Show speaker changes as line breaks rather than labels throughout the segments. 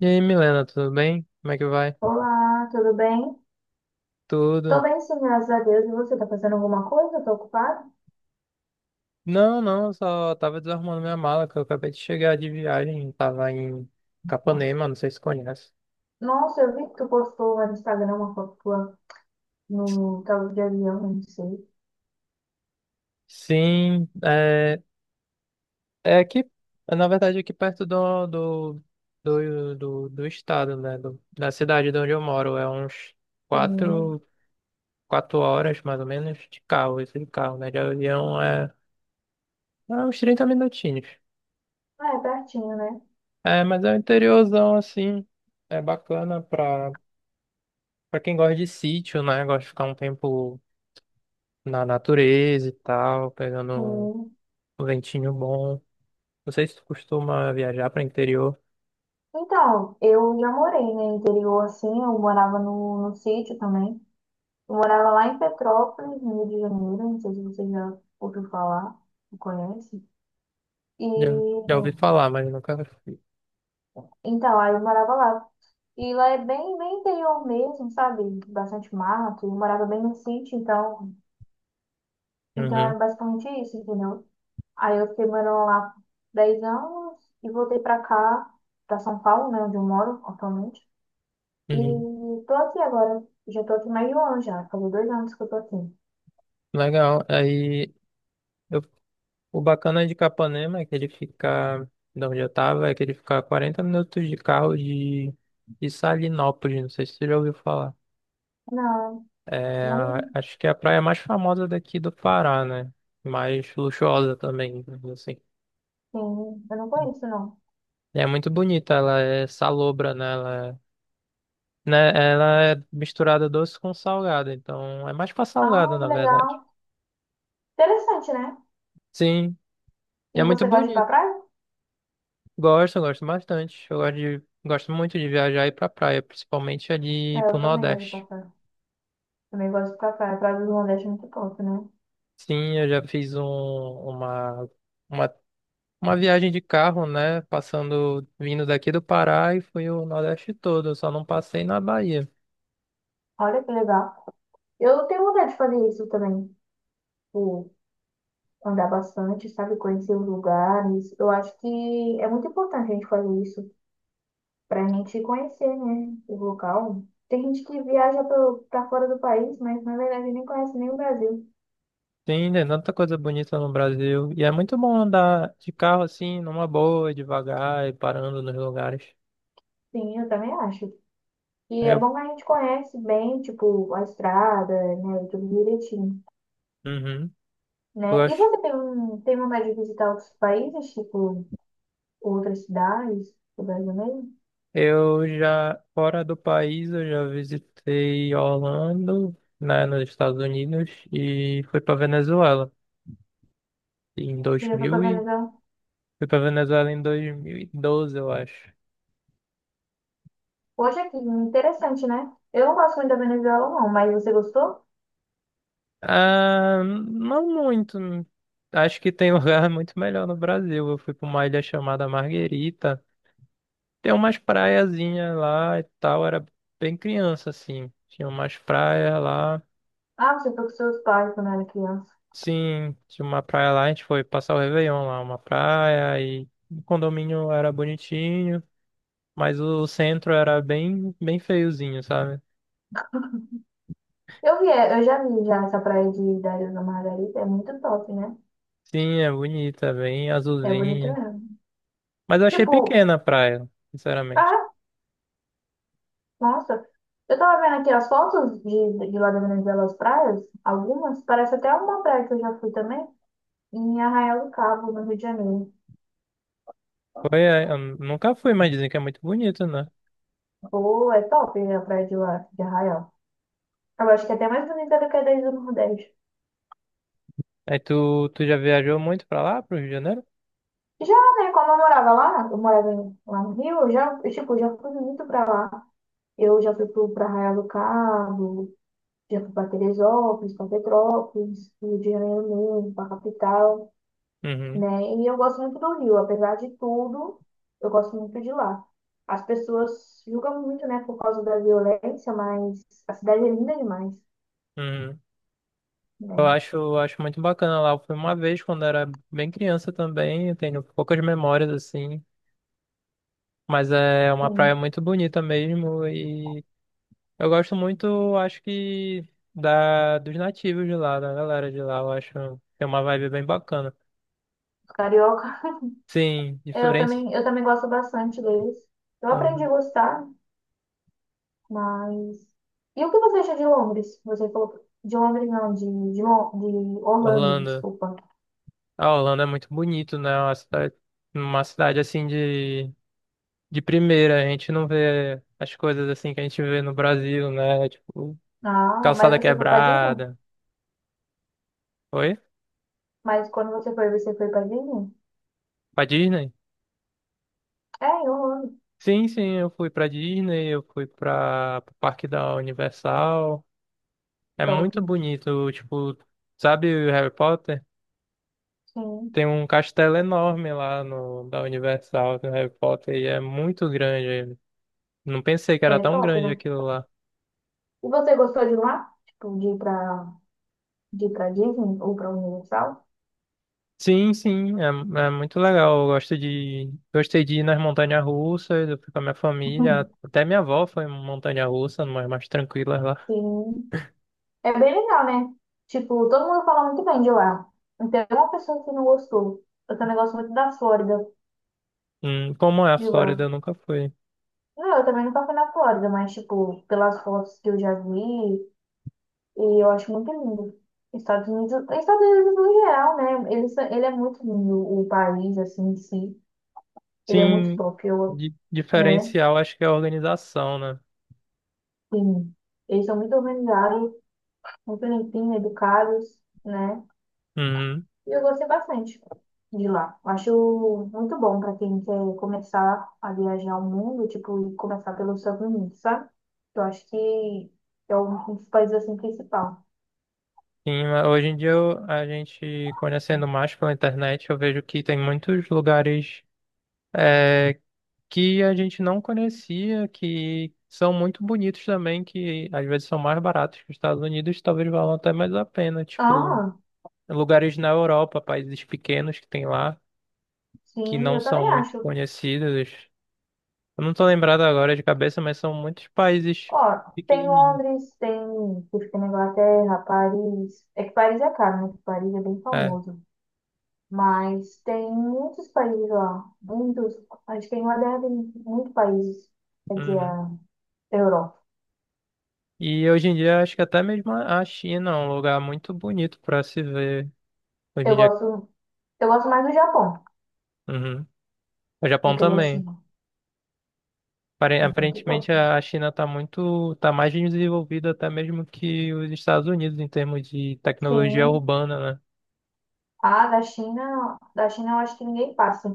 E aí, Milena, tudo bem? Como é que vai?
Olá, tudo bem? Tô
Tudo?
bem sim, graças a Deus. E você, tá fazendo alguma coisa? Tá ocupado?
Não, não, eu só tava desarrumando minha mala, que eu acabei de chegar de viagem, tava em Capanema, não sei se conhece.
Nossa, eu vi que tu postou lá no Instagram uma foto tua no tava de avião, não sei.
Sim, é, é aqui, é, na verdade aqui perto do estado, né, da cidade de onde eu moro, é uns
Hum.
quatro, quatro horas, mais ou menos, de carro, esse de carro, né, de avião é, é uns 30 minutinhos.
Ah, é pertinho, né?
É, mas é um interiorzão, assim, é bacana pra pra quem gosta de sítio, né? Gosta de ficar um tempo na natureza e tal, pegando
Sim.
um ventinho bom. Não sei se tu costuma viajar para interior.
Então, eu já morei né, no interior, assim, eu morava no, sítio também. Eu morava lá em Petrópolis, no Rio de Janeiro, não sei se você já ouviu falar, não conhece. E,
Já, já ouvi falar, mas nunca fui.
então, aí eu morava lá. E lá é bem, bem interior mesmo, sabe? Bastante mato. Eu morava bem no sítio, então
Uhum,
é basicamente isso, entendeu? Aí eu fiquei morando lá 10 anos e voltei pra cá, pra São Paulo, né, onde eu moro atualmente. E
uhum.
tô aqui agora. Já tô aqui mais de um ano já. Faz 2 anos que eu tô aqui.
Legal. Aí, eu- o bacana de Capanema é que ele fica, de onde eu tava, é que ele fica a 40 minutos de carro de Salinópolis. Não sei se tu já ouviu falar.
Não,
É,
não,
acho que é a praia mais famosa daqui do Pará, né? Mais luxuosa também, assim.
sim, eu não conheço, não.
É muito bonita, ela é salobra, né? Ela é, né? Ela é misturada doce com salgado, então é mais pra
Ah,
salgado,
que
na
legal.
verdade.
Interessante, né?
Sim, e é
E
muito
você gosta de ir pra
bonito.
praia?
Gosto, gosto bastante. Eu gosto de, gosto muito de viajar e ir pra praia, principalmente
É,
ali pro
eu também gosto de ir pra
Nordeste.
praia. Também gosto de ir pra praia. A Praia do Nordeste é muito top, né?
Sim, eu já fiz uma, uma viagem de carro, né? Passando, vindo daqui do Pará e fui o Nordeste todo. Eu só não passei na Bahia.
Olha que legal. Eu tenho vontade de fazer isso também. Tipo, andar bastante, sabe? Conhecer os lugares. Eu acho que é muito importante a gente fazer isso pra gente conhecer, né? O local. Tem gente que viaja pro- pra fora do país, mas na verdade nem conhece nem o Brasil.
Sim, tem tanta coisa bonita no Brasil. E é muito bom andar de carro assim, numa boa, devagar e parando nos lugares.
Sim, eu também acho. E
Aí
é bom
eu,
que a gente conhece bem, tipo, a estrada, né? Tudo direitinho,
uhum, eu
né? E
acho.
você tem vontade de visitar outros países, tipo, outras cidades, do Brasil mesmo?
Eu já, fora do país, eu já visitei Orlando, né, nos Estados Unidos, e fui pra Venezuela em
Você já foi pra
2000 e...
Venezuela?
Fui pra Venezuela em 2012, eu acho.
Hoje aqui, interessante, né? Eu não gosto muito da Venezuela, não, mas você gostou?
Ah, não muito. Acho que tem um lugar muito melhor no Brasil. Eu fui pra uma ilha chamada Marguerita, tem umas praiazinhas lá e tal, era bem criança, assim. Tinha umas praias lá.
Ah, você foi com seus pais quando era criança.
Sim, tinha uma praia lá, a gente foi passar o Réveillon lá, uma praia, e o condomínio era bonitinho, mas o centro era bem, bem feiozinho, sabe?
Eu já vi já essa praia de Dario Ilha da Margarita, é muito top, né?
Sim, é bonita, bem
É bonito
azulzinha.
mesmo.
Mas eu achei
Tipo,
pequena a praia, sinceramente.
ah, nossa, eu tava vendo aqui as fotos de, lá da Venezuela, as praias, algumas, parece até uma praia que eu já fui também, em Arraial do Cabo, no Rio de Janeiro.
Foi, é, eu nunca fui, mas dizem que é muito bonito, né?
Pô, é top a praia de lá, de Arraial. Eu acho que é até mais bonita do que a da Ilha do Nordeste.
Aí tu já viajou muito pra lá, pro Rio de Janeiro?
Já, né, quando eu morava lá, eu morava lá no Rio, eu, tipo, já fui muito pra lá. Eu já fui pra Arraial do Cabo, já fui pra Teresópolis, pra Petrópolis, Rio de Janeiro mesmo, pra capital,
Uhum,
né? E eu gosto muito do Rio, apesar de tudo, eu gosto muito de lá. As pessoas julgam muito, né, por causa da violência, mas a cidade é linda demais,
uhum.
né?
Eu acho muito bacana lá. Eu fui uma vez quando era bem criança também. Eu tenho poucas memórias assim. Mas é uma praia
Sim,
muito bonita mesmo. E eu gosto muito, acho que, dos nativos de lá, da galera de lá. Eu acho que tem uma vibe bem bacana.
os carioca,
Sim,
eu
diferente.
também, eu também gosto bastante deles. Eu aprendi a
Uhum.
gostar, mas. E o que você acha de Londres? Você falou. De Londres, não, de Orlando,
Orlando.
desculpa.
Ah, Orlando é muito bonito, né? É uma cidade, uma cidade assim de primeira. A gente não vê as coisas assim que a gente vê no Brasil, né? Tipo,
Ah, mas
calçada
você foi pra Disney?
quebrada. Oi?
Mas quando você foi pra Disney?
Pra Disney?
É, em Orlando.
Sim, sim, eu fui pra Disney, eu fui pra pro Parque da Universal. É
Top.
muito bonito, tipo, sabe o Harry Potter?
Sim.
Tem um castelo enorme lá no da Universal do Harry Potter e é muito grande. Ele. Não pensei que
É
era tão
top,
grande
né?
aquilo lá.
E você gostou de lá? Tipo, de ir pra Disney ou pra Universal?
Sim, sim, é, é muito legal. Eu gosto de, gostei de ir nas montanhas-russas, eu fui com a minha família. Até minha avó foi em montanha-russa, mas mais tranquilas lá.
Sim. É bem legal, né? Tipo, todo mundo fala muito bem de lá. Não tem uma pessoa que não gostou. Eu também gosto muito da Flórida,
Como é a
de
Flórida,
lá.
eu nunca fui.
Não, eu também nunca fui na Flórida, mas, tipo, pelas fotos que eu já vi, e eu acho muito lindo. Estados Unidos, Estados Unidos no geral, né? Ele é muito lindo, o país, assim, em si. Ele é muito
Sim,
top, eu, né?
diferencial acho que é a organização, né?
Sim. Eles são muito organizados, muito limpinhos, educados, né?
Uhum.
E eu gostei bastante de lá. Acho muito bom pra quem quer começar a viajar o mundo, tipo, e começar pelos Estados Unidos, sabe? Eu acho que é um dos países, assim, principal.
Sim, mas hoje em dia a gente conhecendo mais pela internet, eu vejo que tem muitos lugares é, que a gente não conhecia, que são muito bonitos também, que às vezes são mais baratos que os Estados Unidos, talvez valam até mais a pena. Tipo,
Ah,
lugares na Europa, países pequenos que tem lá, que
sim,
não
eu
são
também
muito
acho.
conhecidos. Eu não tô lembrado agora de cabeça, mas são muitos países
Ó, tem
pequenininhos.
Londres, tem que fica na Inglaterra, Paris. É que Paris é caro, né? Que Paris é bem
É.
famoso. Mas tem muitos países lá. Muitos. Acho que a Inglaterra tem muitos países. Quer dizer,
Uhum.
a Europa.
E hoje em dia acho que até mesmo a China é um lugar muito bonito para se ver. Hoje em
Eu
dia,
gosto, eu gosto mais do Japão
uhum. O
do
Japão
que da
também.
China. É muito
Aparentemente
top.
a China está muito, tá mais desenvolvida até mesmo que os Estados Unidos em termos de tecnologia
Sim.
urbana, né?
Ah, da China eu acho que ninguém passa.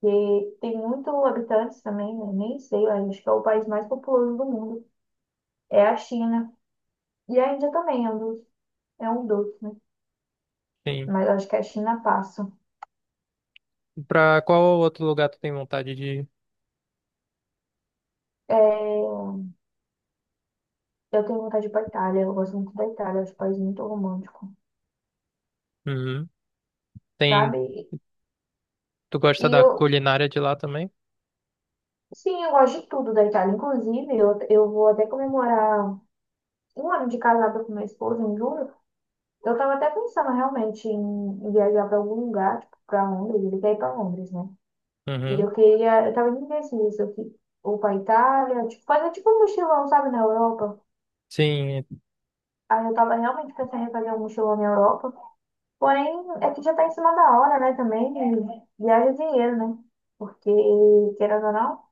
Porque tem muito habitantes também, né? Nem sei, eu acho que é o país mais populoso do mundo. É a China. E a Índia também é um dos, né?
Sim.
Mas acho que a China passa.
Para qual outro lugar tu tem vontade de ir?
É, eu tenho vontade de ir pra Itália, eu gosto muito da Itália, acho um país muito romântico,
Uhum. Tem,
sabe?
tu gosta
E
da
eu,
culinária de lá também?
sim, eu gosto de tudo da Itália. Inclusive, eu vou até comemorar um ano de casada com minha esposa em julho. Eu tava até pensando realmente em viajar pra algum lugar, tipo, pra Londres, ele quer ir pra Londres, né? E
Uhum.
eu queria, eu tava indecisa, ou pra Itália, tipo, fazer tipo um mochilão, sabe, na Europa.
Sim,
Aí eu tava realmente pensando em fazer um mochilão na Europa. Porém, é que já tá em cima da hora, né? Também e viaja dinheiro, né? Porque, querendo ou não,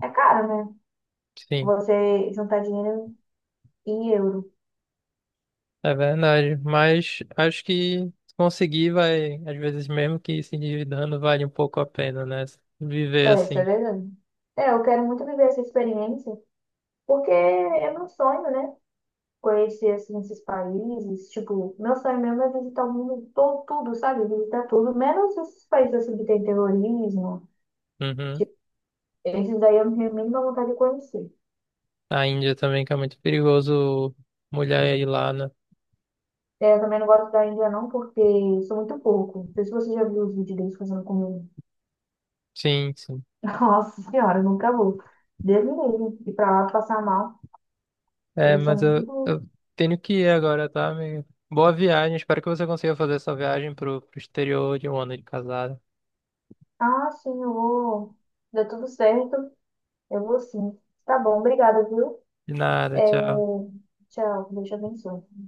é caro, né?
sim.
Você juntar dinheiro em euro.
É verdade, mas acho que conseguir vai, às vezes mesmo que se endividando, vale um pouco a pena, né? Viver
É, isso é
assim.
verdade. É, eu quero muito viver essa experiência, porque é meu sonho, né? Conhecer, assim, esses países. Tipo, meu sonho mesmo é visitar o mundo todo, tudo, sabe? Visitar tudo, menos esses países, assim, que tem terrorismo.
Uhum.
Tipo, esses daí eu não tenho a mínima vontade de conhecer.
A Índia também, que é muito perigoso mulher ir lá, né?
É, eu também não gosto da Índia não, porque eu sou muito pouco. Não sei se você já viu os vídeos deles fazendo comida.
Sim, sim.
Nossa senhora, eu nunca vou. Deus me livre. E pra lá passar mal.
É,
Eles
mas
são
eu,
muito...
eu tenho que ir agora, tá, amigo? Boa viagem, espero que você consiga fazer essa viagem pro exterior de um ano de casada.
Ah, sim, eu vou. Deu tudo certo. Eu vou sim. Tá bom, obrigada, viu?
De nada,
É,
tchau.
tchau, Deus te abençoe.